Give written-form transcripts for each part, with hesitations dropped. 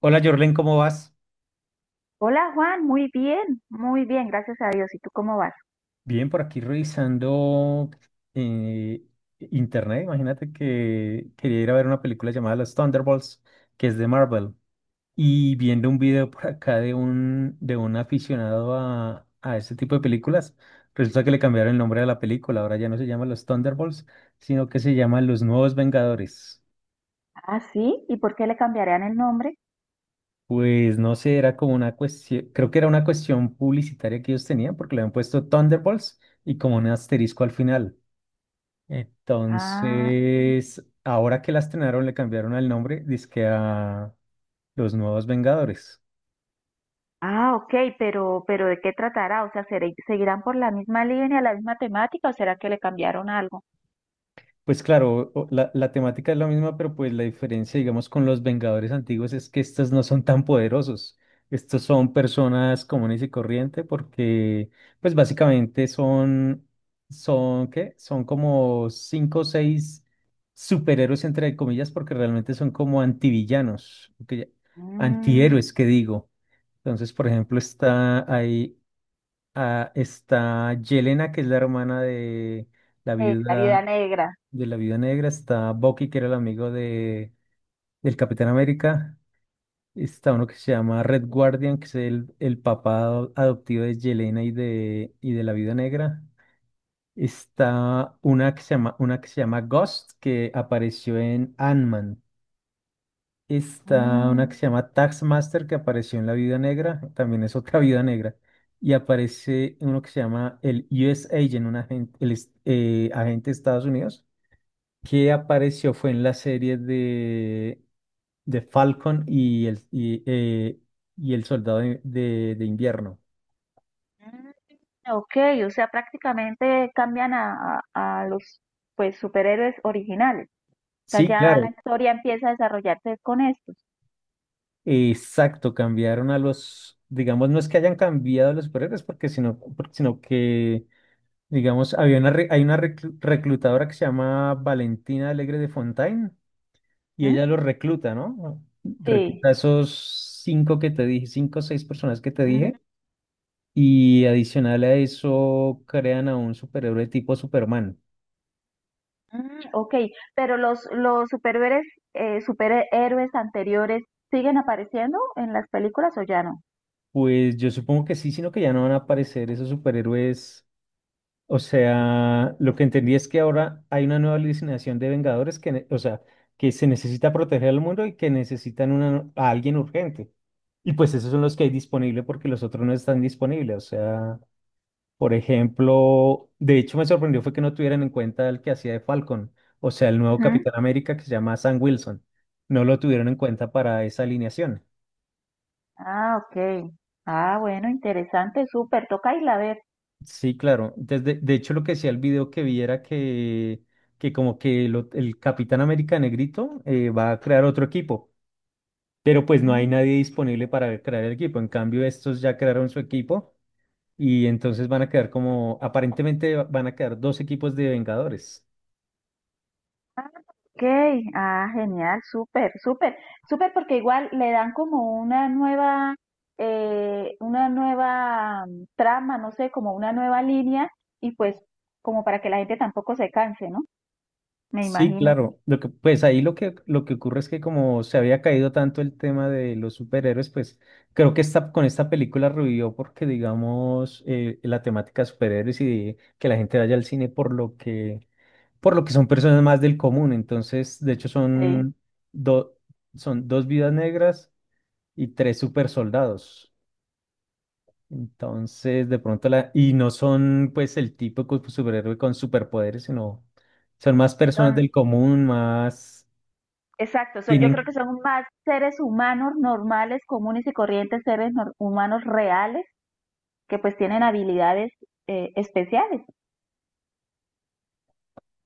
Hola Jorlen, ¿cómo vas? Hola Juan, muy bien, gracias a Dios. ¿Y tú cómo vas? Bien, por aquí revisando eh, internet. Imagínate que quería ir a ver una película llamada Los Thunderbolts, que es de Marvel, y viendo un video por acá de un aficionado a este tipo de películas, resulta que le cambiaron el nombre de la película. Ahora ya no se llama Los Thunderbolts, sino que se llama Los Nuevos Vengadores. Ah, sí, ¿y por qué le cambiarían el nombre? Pues no sé, era como una cuestión, creo que era una cuestión publicitaria que ellos tenían, porque le habían puesto Thunderbolts y como un asterisco al final. Ah, Entonces, ahora que la estrenaron, le cambiaron el nombre, dizque a Los Nuevos Vengadores. ah, ok, pero ¿de qué tratará? O sea, ¿seguirán por la misma línea, la misma temática o será que le cambiaron algo? Pues claro, la temática es la misma, pero pues la diferencia, digamos, con los Vengadores antiguos es que estos no son tan poderosos. Estos son personas comunes y corrientes porque, pues básicamente son, son, ¿qué? Son como cinco o seis superhéroes, entre comillas, porque realmente son como antivillanos, Mm, antihéroes, que digo. Entonces, por ejemplo, está ahí, está Yelena, que es la hermana la la vida viuda negra. de la Viuda Negra, está Bucky, que era el amigo del Capitán América, está uno que se llama Red Guardian, que es el papá adoptivo de Yelena y de la Viuda Negra, está una que se llama, una que se llama Ghost, que apareció en Ant-Man, está una Mm, que se llama Taskmaster, que apareció en la Viuda Negra, también es otra Viuda Negra. Y aparece uno que se llama el US Agent, un agente, agente de Estados Unidos, que apareció fue en la serie de Falcon y y el Soldado de Invierno. mm. Ok, o sea, prácticamente cambian a los pues superhéroes originales. O sea, Sí, ya la claro, historia empieza a desarrollarse con estos. exacto, cambiaron a los, digamos, no es que hayan cambiado a los superhéroes, sino que, digamos, hay una reclutadora que se llama Valentina Alegre de Fontaine y ¿Mm? ella los recluta, ¿no? Sí. Recluta a esos cinco que te dije, cinco o seis personas que te Mm, dije. Y adicional a eso, crean a un superhéroe tipo Superman. mm, ok, pero los superhéroes, superhéroes anteriores siguen apareciendo en las películas o ya no? Pues yo supongo que sí, sino que ya no van a aparecer esos superhéroes. O sea, lo que entendí es que ahora hay una nueva alucinación de Vengadores o sea, que se necesita proteger al mundo y que necesitan a alguien urgente. Y pues esos son los que hay disponible porque los otros no están disponibles. O sea, por ejemplo, de hecho me sorprendió fue que no tuvieran en cuenta el que hacía de Falcon, o sea, el nuevo Ujú. Capitán América que se llama Sam Wilson. No lo tuvieron en cuenta para esa alineación. Ah, ok. Ah, bueno, interesante, súper. Toca irla a ver. Sí, claro. Desde, de hecho, lo que decía el video que vi era que como que el Capitán América Negrito va a crear otro equipo, pero pues no hay Mm. nadie disponible para crear el equipo. En cambio, estos ya crearon su equipo y entonces van a quedar como, aparentemente van a quedar dos equipos de Vengadores. Okay, ah, genial, súper, súper, súper, porque igual le dan como una nueva trama, no sé, como una nueva línea, y pues como para que la gente tampoco se canse, ¿no? Me Sí, imagino. claro. Lo que ocurre es que como se había caído tanto el tema de los superhéroes, pues creo que esta, con esta película revivió porque, digamos, la temática de superhéroes y de que la gente vaya al cine por lo que son personas más del común. Entonces, de hecho, Sí. son, do- son dos vidas negras y tres super soldados. Entonces, de pronto la, y no son pues el típico superhéroe con superpoderes, sino son más personas Son, del común, más exacto, son, yo creo que tienen, son más seres humanos normales, comunes y corrientes, seres nor- humanos reales, que pues tienen habilidades especiales.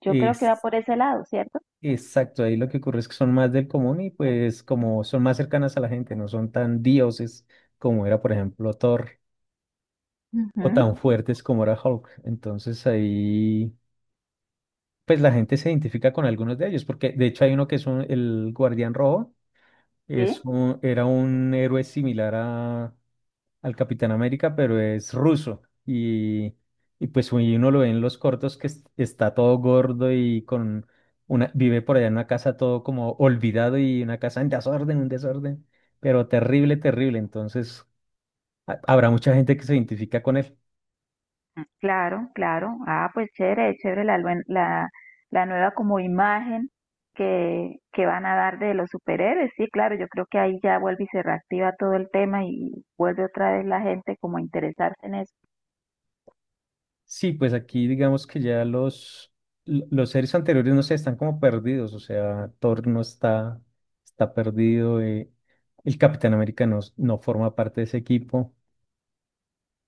Yo creo que va es, por ese lado, ¿cierto? exacto, ahí lo que ocurre es que son más del común y pues como son más cercanas a la gente, no son tan dioses como era, por ejemplo, Thor o Ujú, tan fuertes como era Hulk. Entonces ahí, pues la gente se identifica con algunos de ellos, porque de hecho hay uno que es el Guardián Rojo, es sí. Era un héroe al Capitán América, pero es ruso. Y pues uy, uno lo ve en los cortos que está todo gordo y con una, vive por allá en una casa todo como olvidado y una casa en desorden, un desorden, pero terrible, terrible. Entonces, habrá mucha gente que se identifica con él. Claro, claro. Ah, pues chévere, la nueva como imagen que van a dar de los superhéroes. Sí, claro, yo creo que ahí ya vuelve y se reactiva todo el tema y vuelve otra vez la gente como a interesarse en eso. Sí, pues aquí digamos que ya los, los series anteriores, no sé, están como perdidos, o sea, Thor no está, está perdido, el Capitán América no, no forma parte de ese equipo.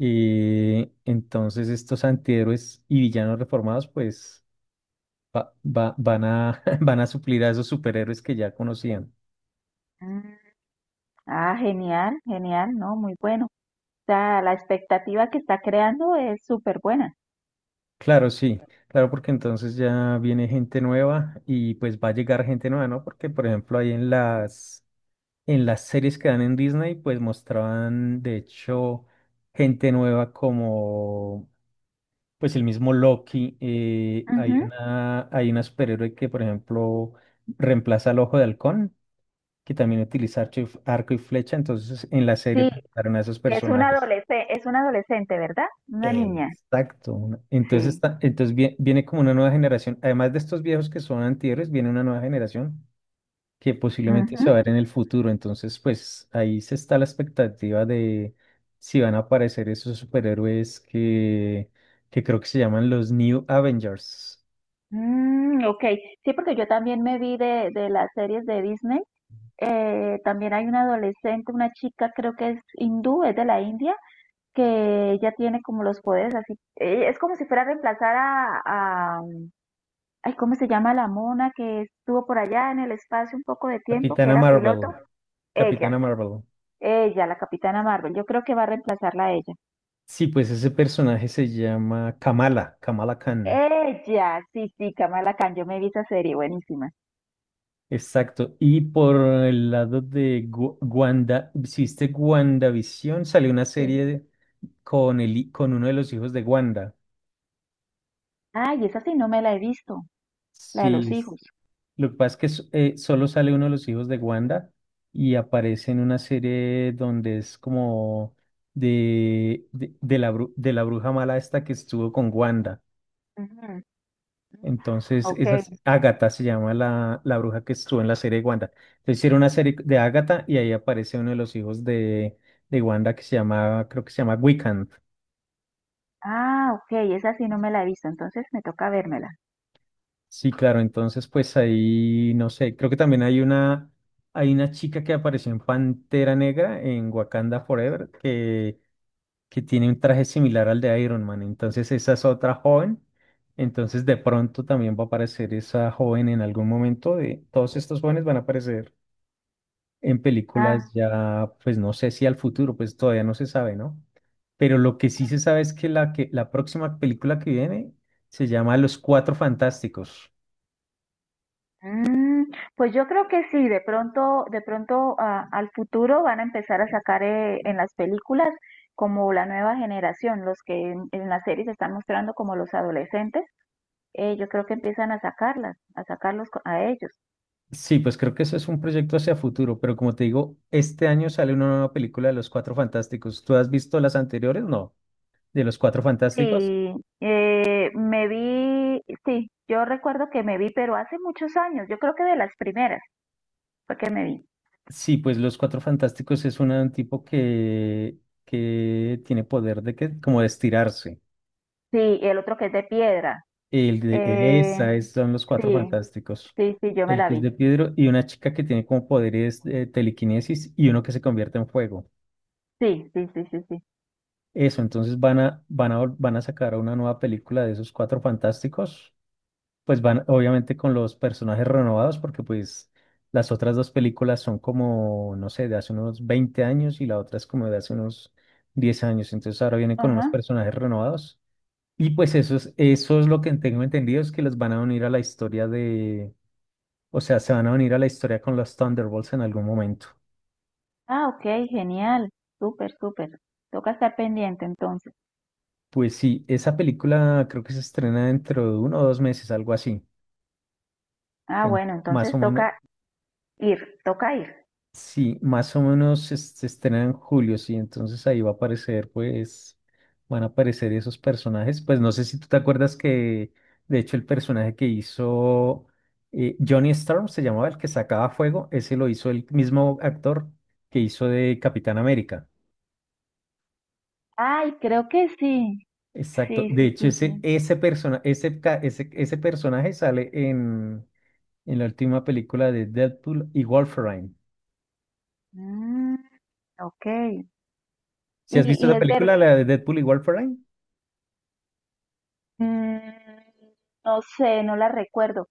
Y entonces estos antihéroes y villanos reformados pues van a suplir a esos superhéroes que ya conocían. Mm. Ah, genial, genial, ¿no? Muy bueno. O sea, la expectativa que está creando es súper buena. Claro, sí, claro, porque entonces ya viene gente nueva y pues va a llegar gente nueva, ¿no? Porque por ejemplo ahí en las series que dan en Disney pues mostraban de hecho gente nueva como pues el mismo Loki. Ujú. Hay una superhéroe que por ejemplo reemplaza al Ojo de Halcón. Que también utiliza arco y flecha, entonces en la serie Sí, presentaron a esos que personajes. Es una adolescente, ¿verdad? Una niña. Exacto. Entonces, Sí. está, entonces viene, como una nueva generación, además de estos viejos que son antihéroes, viene una nueva generación que posiblemente se va a Ujú. ver en el futuro, entonces pues ahí se está la expectativa de si van a aparecer esos superhéroes que creo que se llaman los New Avengers. Mm, ok, sí, porque yo también me vi de las series de Disney. También hay una adolescente, una chica, creo que es hindú, es de la India, que ella tiene como los poderes así. Es como si fuera a reemplazar a, um, ay, ¿cómo se llama la mona que estuvo por allá en el espacio un poco de tiempo, que Capitana era piloto? Marvel. Ella, Capitana Marvel. ella, la Capitana Marvel. Yo creo que va a reemplazarla a ella. Sí, pues ese personaje se llama Kamala, Kamala Khan. Ella, sí, sí, Kamala Khan, yo me vi esa serie, buenísima. Exacto. Y por el lado de Wanda, si viste WandaVision, salió una serie Sí. de- con, con uno de los hijos de Wanda. Ay, esa sí no me la he visto, la de Sí, los hijos. lo que pasa es que solo sale uno de los hijos de Wanda y aparece en una serie donde es como de la bruja mala esta que estuvo con Wanda. Ujú. Entonces, esa Okay. es Ágata se llama la bruja que estuvo en la serie de Wanda. Entonces, hicieron una serie de Ágata y ahí aparece uno de los hijos de Wanda que se llama, creo que se llama Wiccan. Ah, okay, esa sí no me la he visto, entonces me toca vérmela. Sí, claro, entonces pues ahí, no sé, creo que también hay una chica que apareció en Pantera Negra, en Wakanda Forever, que tiene un traje similar al de Iron Man. Entonces, esa es otra joven. Entonces, de pronto también va a aparecer esa joven en algún momento. De, todos estos jóvenes van a aparecer en Ah, películas ya, pues no sé si al futuro, pues todavía no se sabe, ¿no? Pero lo que sí se sabe es que la próxima película que viene se llama Los Cuatro Fantásticos. mm, pues yo creo que sí, de pronto ah, al futuro van a empezar a sacar en las películas como la nueva generación, los que en las series están mostrando como los adolescentes, yo creo que empiezan a sacarlas, a ellos. Sí, pues creo que eso es un proyecto hacia futuro, pero como te digo, este año sale una nueva película de Los Cuatro Fantásticos. ¿Tú has visto las anteriores? No, de Los Cuatro Fantásticos. Sí, me vi, sí, yo recuerdo que me vi, pero hace muchos años, yo creo que de las primeras fue que me vi. Sí, pues Los Cuatro Fantásticos es un tipo que tiene poder de que, como de estirarse. Sí, y el otro que es de piedra. El de Eh, esa, son los cuatro sí, fantásticos. sí, sí, yo me El la que es vi. de Pedro y una chica que tiene como poderes de telequinesis y uno que se convierte en fuego. Sí, sí, sí, sí, sí. Eso, entonces van a sacar una nueva película de esos cuatro fantásticos. Pues van, obviamente, con los personajes renovados, porque pues las otras dos películas son como, no sé, de hace unos 20 años y la otra es como de hace unos 10 años. Entonces ahora vienen con Ajá. unos personajes renovados. Y pues eso es lo que tengo entendido, es que los van a unir a la historia de, o sea, se van a venir a la historia con los Thunderbolts en algún momento. Ah, ok, genial. Súper, súper. Toca estar pendiente entonces. Pues sí, esa película creo que se estrena dentro de uno o dos meses, algo así. Ah, bueno, Más entonces o menos, toca ir, toca ir. sí, más o menos se estrena en julio, sí. Entonces ahí va a aparecer, pues, van a aparecer esos personajes. Pues no sé si tú te acuerdas que, de hecho, el personaje que hizo Johnny Storm se llamaba el que sacaba fuego, ese lo hizo el mismo actor que hizo de Capitán América. Ay, creo que sí. Exacto. Sí, De sí, hecho, sí, ese, sí. ese, persona, ese, ca- ese personaje sale en la última película de Deadpool y Wolverine. Mm, ok. Si has Y, visto y esa es ver, película, la de Deadpool y Wolverine, mm, no sé, no la recuerdo,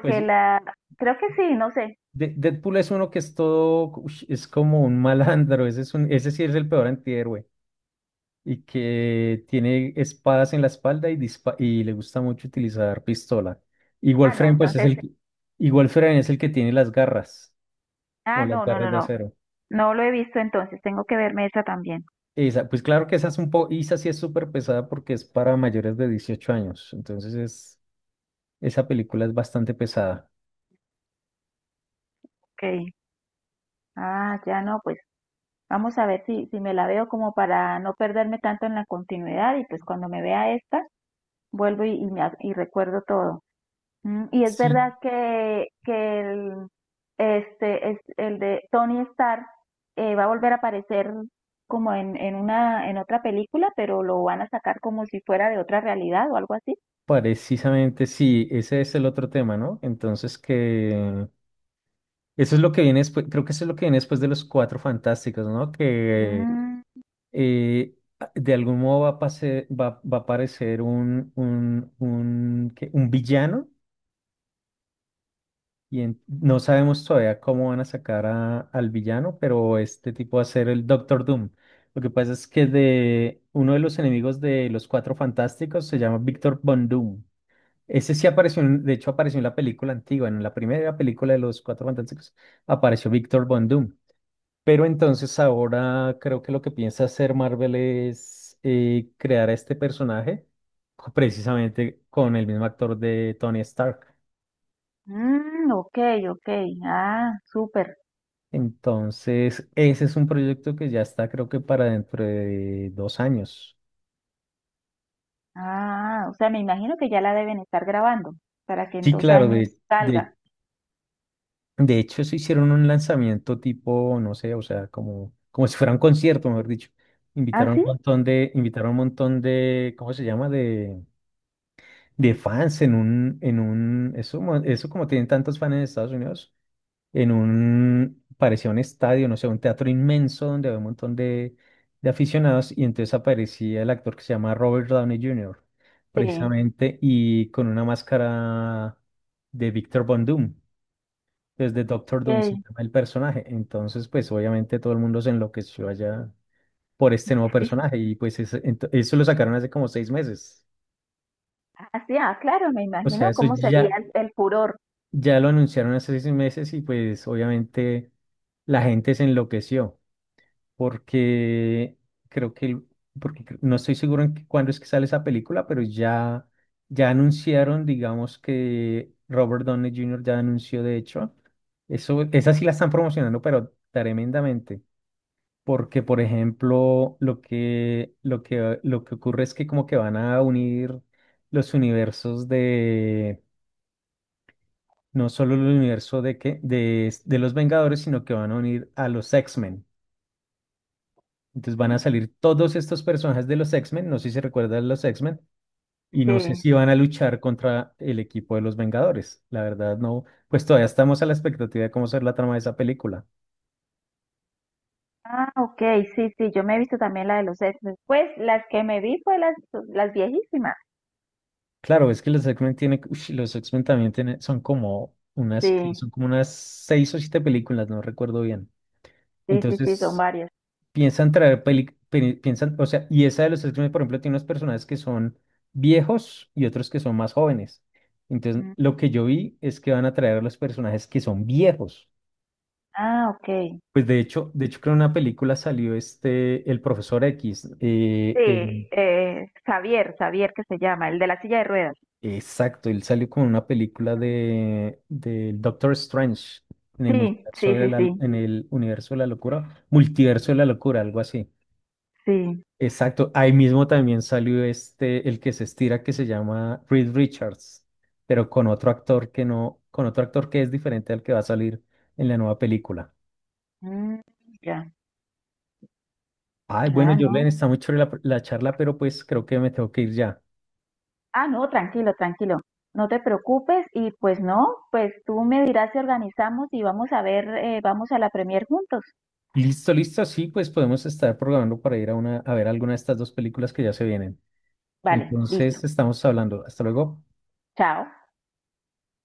pues la, creo que sí, no sé. Deadpool es uno que es todo, ush, es como un malandro, ese sí es el peor antihéroe, y que tiene espadas en la espalda y le gusta mucho utilizar pistola. Y Ah, no, Wolverine, pues es entonces, y Wolverine es el que tiene las garras, ah, como las no, no, garras no, de no. acero. No lo he visto entonces, tengo que verme esa también. Isa, pues claro que esa es un poco, Isa sí es súper pesada porque es para mayores de 18 años, entonces es, esa película es bastante pesada. Ok. Ah, ya no, pues vamos a ver si, si me la veo como para no perderme tanto en la continuidad y pues cuando me vea esta, vuelvo y recuerdo todo. Mm, y es Sí, verdad que el, este, es, el de Tony Stark va a volver a aparecer como en una, en otra película, pero lo van a sacar como si fuera de otra realidad o algo así. precisamente sí, ese es el otro tema, ¿no? Entonces que eso es lo que viene después, creo que eso es lo que viene después de los Cuatro Fantásticos, ¿no? Que Mm, eh, de algún modo va a aparecer, ¿qué?, un villano. Y no sabemos todavía cómo van a sacar al villano, pero este tipo va a ser el Doctor Doom. Lo que pasa es que de uno de los enemigos de los Cuatro Fantásticos se llama Victor Von Doom. Ese sí apareció, de hecho apareció en la película antigua, en la primera película de los Cuatro Fantásticos, apareció Victor Von Doom. Pero entonces ahora creo que lo que piensa hacer Marvel es crear a este personaje precisamente con el mismo actor de Tony Stark. mm, ok, ok, ah, súper. Entonces, ese es un proyecto que ya está, creo que para dentro de 2 años. Ah, o sea, me imagino que ya la deben estar grabando para que en Sí, dos claro, años salga. de hecho se hicieron un lanzamiento tipo, no sé, o sea, como, como si fuera un concierto, mejor dicho. ¿Ah, Invitaron un sí? montón de, invitaron un montón de, ¿cómo se llama? De fans en un, eso, mo- eso como tienen tantos fans en Estados Unidos, parecía un estadio, no sé, un teatro inmenso donde había un montón de aficionados, y entonces aparecía el actor que se llama Robert Downey Jr., Sí, precisamente, y con una máscara de Victor Von Doom, desde Doctor Doom se ok. llama el personaje. Entonces, pues obviamente todo el mundo se enloqueció allá por este nuevo personaje y pues eso lo sacaron hace como 6 meses. Ah, sí, ah, claro, me O sea, imagino eso cómo sería ya, el furor. ya lo anunciaron hace 6 meses y pues obviamente la gente se enloqueció, porque creo que, no estoy seguro cuándo es que sale esa película, pero ya anunciaron, digamos que Robert Downey Jr. ya anunció, de hecho, eso, esa sí la están promocionando, pero tremendamente. Porque, por ejemplo, lo que ocurre es que como que van a unir los universos no solo el universo de los Vengadores, sino que van a unir a los X-Men. Entonces van a salir todos estos personajes de los X-Men, no sé si se recuerdan los X-Men, y no sé Sí. si van a luchar contra el equipo de los Vengadores. La verdad no, pues todavía estamos a la expectativa de cómo será la trama de esa película. Ah, ok, sí, sí, yo me he visto también la de los ex. Pues las que me vi fue las viejísimas. Claro, es que los X-Men tienen, los X-Men también tienen, Sí, son como unas seis o siete películas, no recuerdo bien. sí, sí, sí, son Entonces, varias. piensan traer peli, peli- piensan, o sea, y esa de los X-Men, por ejemplo, tiene unos personajes que son viejos y otros que son más jóvenes. Entonces, lo Mm. que yo vi es que van a traer a los personajes que son viejos. Ah, ok. Pues de hecho, creo en una película salió el Profesor X. Sí, Xavier, Xavier que se llama, el de la silla de ruedas. Exacto, él salió con una película del Doctor Strange en el Sí, multiverso sí, de sí, la, sí, en el universo de la locura, multiverso de la locura, algo así. sí. Exacto, ahí mismo también salió el que se estira, que se llama Reed Richards, pero con otro actor que no, con otro actor que es diferente al que va a salir en la nueva película. Mm, ya. Ay, bueno, Ah, Jorlen, no. está muy chévere la charla, pero pues creo que me tengo que ir ya. Ah, no, tranquilo, tranquilo. No te preocupes y pues no, pues tú me dirás si organizamos y vamos a ver, vamos a la premier juntos. Listo, listo, sí, pues podemos estar programando para ir a ver alguna de estas dos películas que ya se vienen. Vale, listo. Entonces, estamos hablando. Hasta luego. Chao.